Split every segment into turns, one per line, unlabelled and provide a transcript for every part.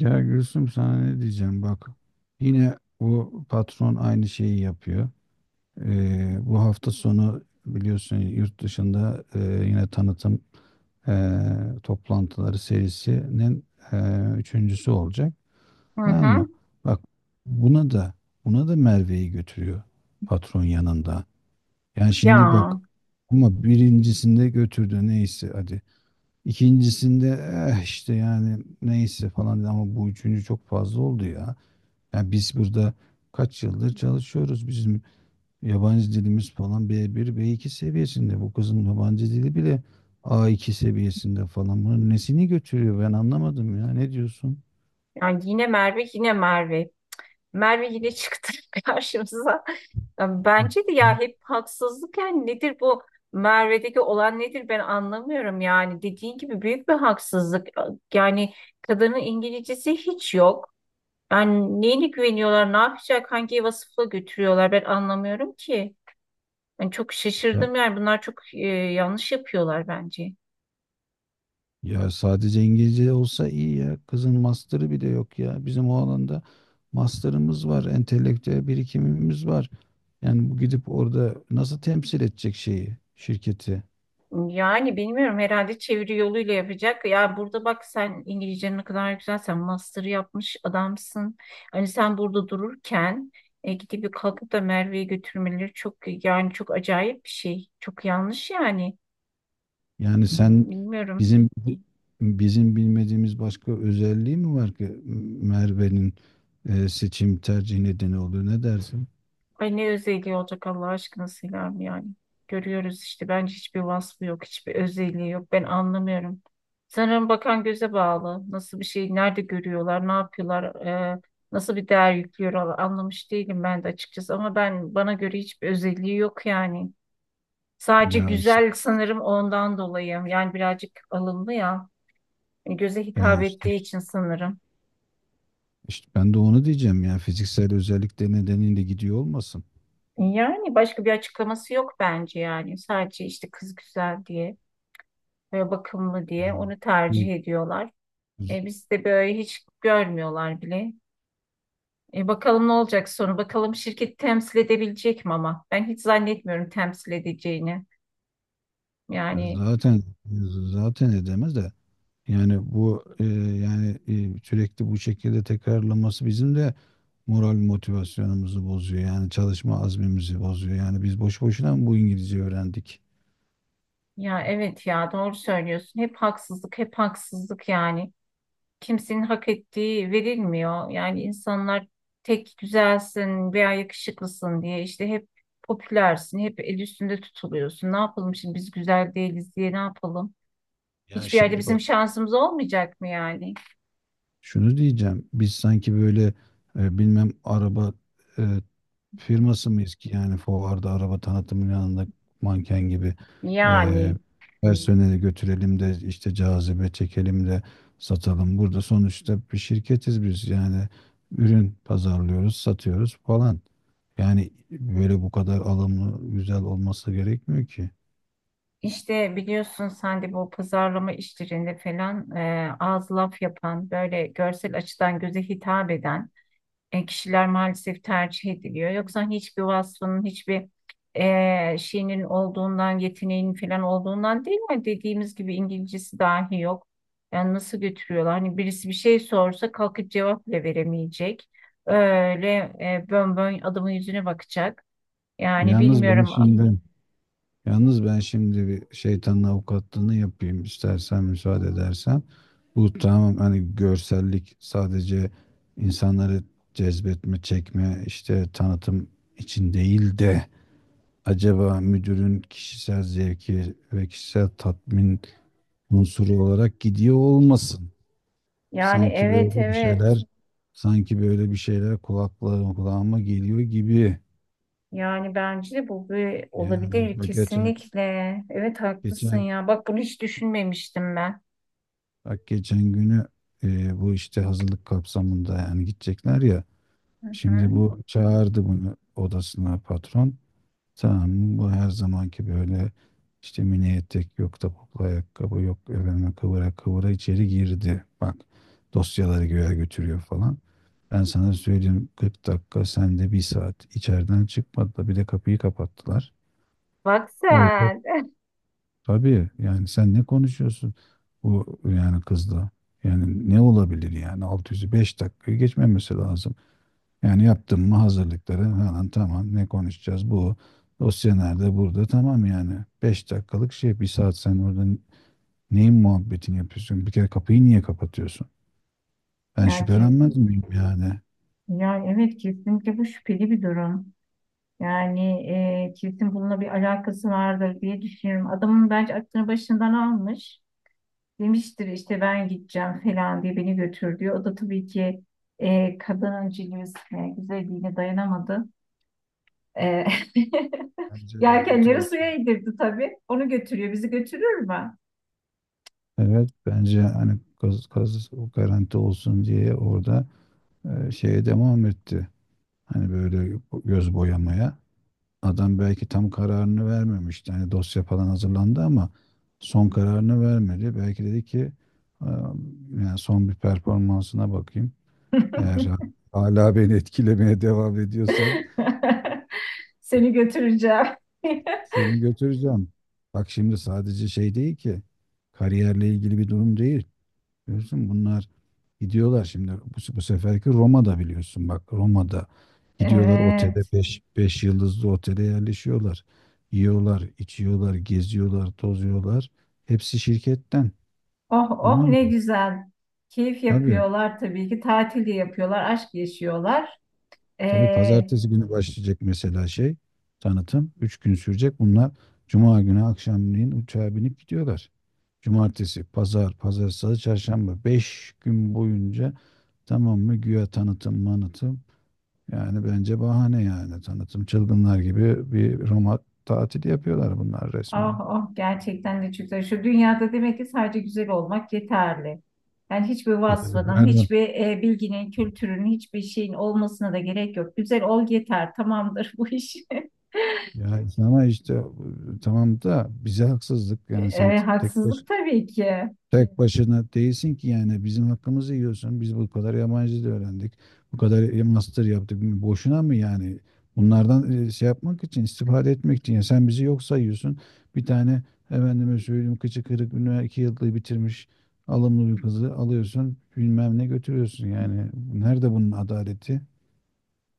Ya Gülsüm sana ne diyeceğim bak. Yine bu patron aynı şeyi yapıyor. Bu hafta sonu biliyorsun yurt dışında yine tanıtım e, toplantıları serisinin e, üçüncüsü olacak.
Hı
Tamam
hı.
mı? Bak buna da buna da Merve'yi götürüyor, patron yanında. Yani şimdi
Ya,
bak, ama birincisinde götürdü, neyse hadi. İkincisinde eh işte yani neyse falan dedi, ama bu üçüncü çok fazla oldu ya. Yani biz burada kaç yıldır çalışıyoruz. Bizim yabancı dilimiz falan B1 B2 seviyesinde. Bu kızın yabancı dili bile A2 seviyesinde falan. Bunun nesini götürüyor, ben anlamadım ya. Ne diyorsun?
yani yine Merve, yine Merve. Merve yine çıktı karşımıza. Ya, bence de
Hı.
ya, hep haksızlık, yani nedir bu Merve'deki olan, nedir ben anlamıyorum yani. Dediğin gibi büyük bir haksızlık. Yani kadının İngilizcesi hiç yok. Yani neyine güveniyorlar, ne yapacak, hangi vasıfla götürüyorlar ben anlamıyorum ki. Ben çok
Ya,
şaşırdım, yani bunlar çok yanlış yapıyorlar bence.
ya sadece İngilizce olsa iyi ya. Kızın master'ı bile yok ya. Bizim o alanda master'ımız var, entelektüel birikimimiz var. Yani bu gidip orada nasıl temsil edecek şeyi, şirketi?
Yani bilmiyorum, herhalde çeviri yoluyla yapacak. Ya burada bak, sen İngilizcen ne kadar güzel, sen master yapmış adamsın. Hani sen burada dururken gidip bir kalkıp da Merve'yi götürmeleri çok, yani çok acayip bir şey. Çok yanlış yani.
Yani sen,
Bilmiyorum.
bizim bizim bilmediğimiz başka özelliği mi var ki Merve'nin seçim tercih nedeni oluyor? Ne dersin?
Ay ne özelliği olacak Allah aşkına Selami yani. Görüyoruz işte, bence hiçbir vasfı yok, hiçbir özelliği yok. Ben anlamıyorum. Sanırım bakan göze bağlı. Nasıl bir şey, nerede görüyorlar, ne yapıyorlar, e, nasıl bir değer yüklüyorlar anlamış değilim ben de açıkçası. Ama ben, bana göre hiçbir özelliği yok yani. Sadece
Ya işte
güzel sanırım ondan dolayı. Yani birazcık alımlı ya. Yani göze
Ya
hitap
işte,
ettiği için sanırım.
işte ben de onu diyeceğim ya, fiziksel özellikleri nedeniyle gidiyor olmasın.
Yani başka bir açıklaması yok bence yani. Sadece işte kız güzel diye ve bakımlı diye
Yani
onu
bu-
tercih ediyorlar. Biz de böyle hiç görmüyorlar bile. Bakalım ne olacak sonu. Bakalım şirket temsil edebilecek mi, ama ben hiç zannetmiyorum temsil edeceğini.
Ya
Yani
zaten, edemez de yani bu yani sürekli bu şekilde tekrarlaması bizim de moral motivasyonumuzu bozuyor. Yani çalışma azmimizi bozuyor. Yani biz boş boşuna mı bu İngilizce öğrendik?
ya evet, ya doğru söylüyorsun. Hep haksızlık, hep haksızlık yani. Kimsenin hak ettiği verilmiyor. Yani insanlar tek güzelsin veya yakışıklısın diye işte hep popülersin, hep el üstünde tutuluyorsun. Ne yapalım şimdi biz güzel değiliz diye, ne yapalım?
Ya
Hiçbir yerde
şimdi
bizim
bak,
şansımız olmayacak mı yani?
şunu diyeceğim. Biz sanki böyle bilmem araba e, firması mıyız ki yani fuarda araba tanıtımının yanında manken gibi eee
Yani
personeli götürelim de işte cazibe çekelim de satalım. Burada sonuçta bir şirketiz biz yani, ürün pazarlıyoruz, satıyoruz falan. Yani böyle bu kadar alımlı, güzel olması gerekmiyor ki.
işte biliyorsun sen de, bu pazarlama işlerinde falan ağız laf yapan, böyle görsel açıdan göze hitap eden kişiler maalesef tercih ediliyor. Yoksa hani hiçbir vasfının, hiçbir şeyinin olduğundan, yeteneğinin falan olduğundan değil mi? Dediğimiz gibi İngilizcesi dahi yok. Yani nasıl götürüyorlar? Hani birisi bir şey sorsa kalkıp cevap bile veremeyecek. Öyle bön bön adamın yüzüne bakacak. Yani
Yalnız ben
bilmiyorum.
şimdi Yalnız ben şimdi bir şeytanın avukatlığını yapayım, istersen müsaade edersen. Bu tamam, hani görsellik sadece insanları cezbetme, çekme, işte tanıtım için değil de, acaba müdürün kişisel zevki ve kişisel tatmin unsuru olarak gidiyor olmasın.
Yani
Sanki
evet,
böyle bir
evet.
şeyler Sanki böyle bir şeyler kulağıma geliyor gibi.
Yani bence de bu bir olabilir
Yani geçen
kesinlikle. Evet haklısın
geçen
ya. Bak bunu hiç düşünmemiştim ben.
Bak, geçen günü bu işte hazırlık kapsamında yani, gidecekler ya.
Hı hı.
Şimdi bu çağırdı bunu odasına, patron. Tamam, bu her zamanki böyle işte mini etek, yok topuklu ayakkabı, yok efendime, kıvıra kıvıra içeri girdi. Bak, dosyaları göğe götürüyor falan. Ben sana söyleyeyim, 40 dakika, sen de bir saat içeriden çıkmadı, da bir de kapıyı kapattılar.
Bak sen.
Tabii yani sen ne konuşuyorsun bu yani kızla? Yani ne olabilir yani, 605 dakikayı geçmemesi lazım. Yani yaptın mı hazırlıkları, hemen tamam, ne konuşacağız bu. Dosya nerede, burada, tamam, yani 5 dakikalık şey, bir saat sen orada neyin muhabbetini yapıyorsun? Bir kere kapıyı niye kapatıyorsun? Ben
Ya, ki,
şüphelenmez miyim yani?
yani evet, kesinlikle bu şüpheli bir durum. Yani kesin bununla bir alakası vardır diye düşünüyorum. Adamın bence aklını başından almış. Demiştir işte ben gideceğim falan diye, beni götür diyor. O da tabii ki kadının cilvesine, güzelliğine dayanamadı. E,
Bence garanti
yelkenleri suya
olsun.
indirdi tabii. Onu götürüyor. Bizi götürür mü?
Evet, bence hani kız o garanti olsun diye orada şeye devam etti. Hani böyle göz boyamaya. Adam belki tam kararını vermemişti. Hani dosya falan hazırlandı ama son kararını vermedi. Belki dedi ki, "Aa, yani son bir performansına bakayım. Eğer hala beni etkilemeye devam ediyorsan
Seni götüreceğim.
seni götüreceğim." Bak şimdi sadece şey değil ki, kariyerle ilgili bir durum değil. Biliyorsun bunlar gidiyorlar şimdi, bu seferki Roma'da, biliyorsun, bak Roma'da gidiyorlar otele,
Evet.
5 yıldızlı otele yerleşiyorlar. Yiyorlar, içiyorlar, geziyorlar, tozuyorlar. Hepsi şirketten.
Oh oh
Tamam mı?
ne güzel. Keyif
Tabii.
yapıyorlar tabii ki. Tatil de yapıyorlar. Aşk yaşıyorlar.
Tabii
Ee.
pazartesi günü başlayacak mesela şey tanıtım. 3 gün sürecek. Bunlar cuma günü akşamleyin uçağa binip gidiyorlar. Cumartesi, pazar, salı, çarşamba, 5 gün boyunca, tamam mı? Güya tanıtım, manıtım. Yani bence bahane yani. Tanıtım, çılgınlar gibi bir Roma tatili yapıyorlar bunlar
Ah
resmen.
ah, gerçekten de çok güzel. Şu dünyada demek ki sadece güzel olmak yeterli. Yani hiçbir
Yani
vasfının,
pardon.
hiçbir bilginin, kültürün, hiçbir şeyin olmasına da gerek yok. Güzel ol yeter, tamamdır bu iş.
Ya ama işte tamam da bize haksızlık yani, sen
Haksızlık tabii ki.
tek başına değilsin ki yani, bizim hakkımızı yiyorsun. Biz bu kadar yabancı dil öğrendik. Bu kadar master yaptık. Boşuna mı yani? Bunlardan şey yapmak için, istifade etmek için. Ya sen bizi yok sayıyorsun. Bir tane efendime söyleyeyim, kıçı kırık üniversite 2 yıllığı bitirmiş alımlı bir kızı alıyorsun. Bilmem ne götürüyorsun yani. Nerede bunun adaleti?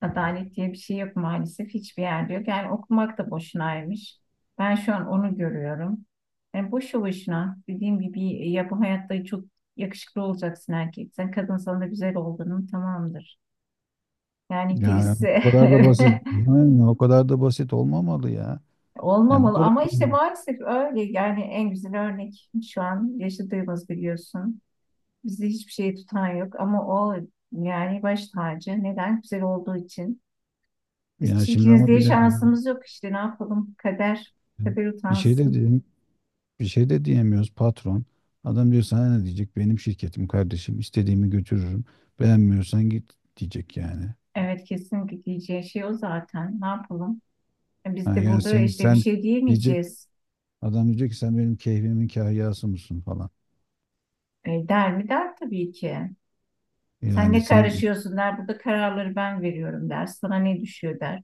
Adalet diye bir şey yok maalesef, hiçbir yerde yok. Yani okumak da boşunaymış. Ben şu an onu görüyorum. Yani boşu boşuna, dediğim gibi, ya bu hayatta çok yakışıklı olacaksın erkek. Sen kadınsan da güzel olduğunun tamamdır. Yani
Yani bu
girisi
kadar da basit. Aynen, o kadar da basit olmamalı ya. Yani bu
olmamalı,
kadar
ama
da
işte maalesef öyle yani, en güzel örnek şu an yaşadığımız biliyorsun. Bizi hiçbir şey tutan yok, ama o, yani baş tacı neden güzel olduğu için. Biz
yani şimdi
çirkiniz
ama
diye
bir de
şansımız yok işte, ne yapalım, kader, kader
Bir şey de
utansın.
diyeyim, bir şey de diyemiyoruz, patron. Adam diyor, sana ne diyecek? Benim şirketim, kardeşim. İstediğimi götürürüm. Beğenmiyorsan git diyecek yani.
Evet kesinlikle diyeceği şey o zaten, ne yapalım. Biz
Ha,
de
yani
burada
sen
işte bir
sen
şey
diyecek
diyemeyeceğiz.
adam diyecek ki, sen benim keyfimin kahyası mısın falan.
Der mi, der tabii ki. Sen
Yani
ne
sen
karışıyorsun der. Burada kararları ben veriyorum der. Sana ne düşüyor der.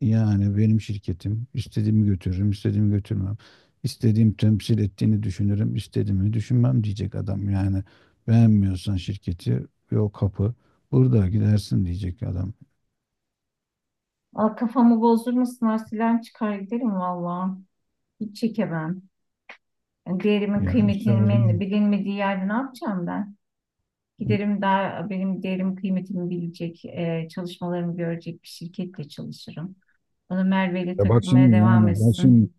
Yani benim şirketim, istediğimi götürürüm, istediğimi götürmem. İstediğim temsil ettiğini düşünürüm, istediğimi düşünmem diyecek adam. Yani beğenmiyorsan şirketi, yok kapı, burada gidersin diyecek adam.
Aa, kafamı bozdur musun? Arsilen çıkar giderim valla. Hiç çekemem. Yani değerimin
Ya işte o
kıymetinin
zaman
bilinmediği yerde ne yapacağım ben? Giderim, daha benim değerim kıymetimi bilecek, çalışmalarımı görecek bir şirketle çalışırım. Bana Merve ile
Ya bak
takılmaya
şimdi
devam
yani bak
etsin.
şimdi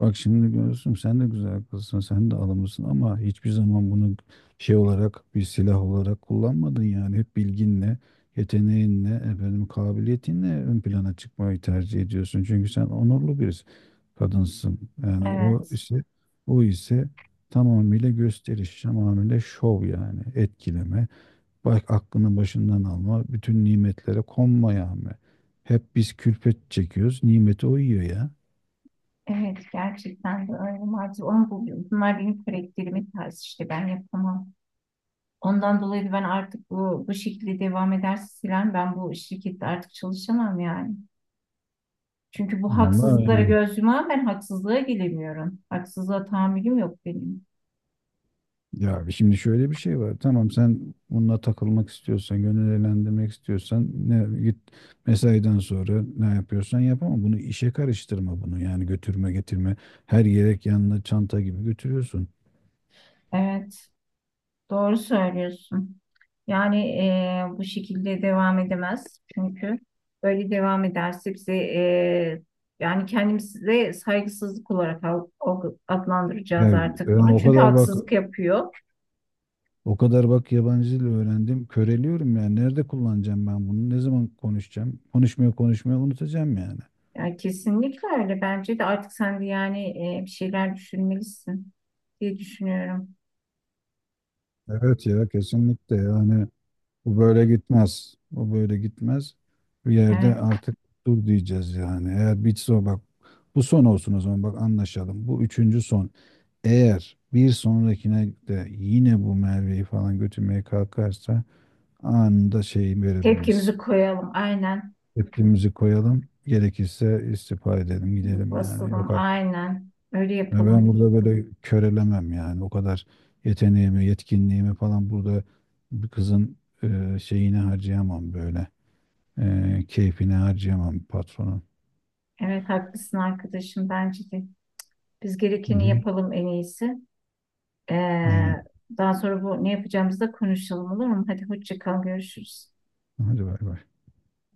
Bak şimdi görürsün, sen de güzel kızsın, sen de alımlısın ama hiçbir zaman bunu şey olarak, bir silah olarak kullanmadın yani. Hep bilginle, yeteneğinle, efendim kabiliyetinle ön plana çıkmayı tercih ediyorsun. Çünkü sen onurlu bir kadınsın. Yani
Evet.
o ise tamamıyla gösteriş, tamamıyla şov yani, etkileme. Bak, aklını başından alma, bütün nimetlere konma yani. Hep biz külfet çekiyoruz, nimeti o yiyor ya.
Evet gerçekten de öyle maalesef, onu buluyorum. Bunlar benim karakterimin tarzı, işte ben yapamam. Ondan dolayı da ben artık bu şekilde devam ederse Siren, ben bu şirkette artık çalışamam yani. Çünkü bu
Vallahi
haksızlıklara
ya.
göz yumağım, ben haksızlığa gelemiyorum. Haksızlığa tahammülüm yok benim.
Ya şimdi şöyle bir şey var. Tamam, sen bununla takılmak istiyorsan, gönül eğlendirmek istiyorsan, ne git mesaiden sonra, ne yapıyorsan yap, ama bunu işe karıştırma bunu. Yani götürme getirme, her yelek yanına çanta gibi götürüyorsun.
Evet. Doğru söylüyorsun. Yani bu şekilde devam edemez. Çünkü böyle devam ederse bize yani kendimize saygısızlık olarak adlandıracağız
Yani, ben
artık bunu.
o
Çünkü
kadar bak
haksızlık yapıyor.
o kadar bak yabancı dil öğrendim. Köreliyorum yani. Nerede kullanacağım ben bunu? Ne zaman konuşacağım? Konuşmaya konuşmaya unutacağım yani.
Yani kesinlikle öyle. Bence de artık sen de yani bir şeyler düşünmelisin diye düşünüyorum.
Evet ya, kesinlikle yani. Bu böyle gitmez. O böyle gitmez. Bir yerde
Evet.
artık dur diyeceğiz yani. Eğer bitse o, bak bu son olsun, o zaman bak anlaşalım. Bu üçüncü son. Eğer bir sonrakine de yine bu Merve'yi falan götürmeye kalkarsa, anında şeyi verelim biz.
Tepkimizi koyalım. Aynen.
Tepkimizi koyalım. Gerekirse istifa edelim, gidelim yani.
Basalım.
Yok artık.
Aynen. Öyle
Yani ben
yapalım.
burada böyle körelemem yani. O kadar yeteneğimi, yetkinliğimi falan burada bir kızın şeyini harcayamam böyle. Keyfine harcayamam, patronum.
Evet haklısın arkadaşım. Bence de. Biz
Hı
gerekeni
hı.
yapalım en iyisi.
Aynen.
Ee, daha sonra bu ne yapacağımızı da konuşalım, olur mu? Hadi hoşça kal, görüşürüz.
Hadi bay bay.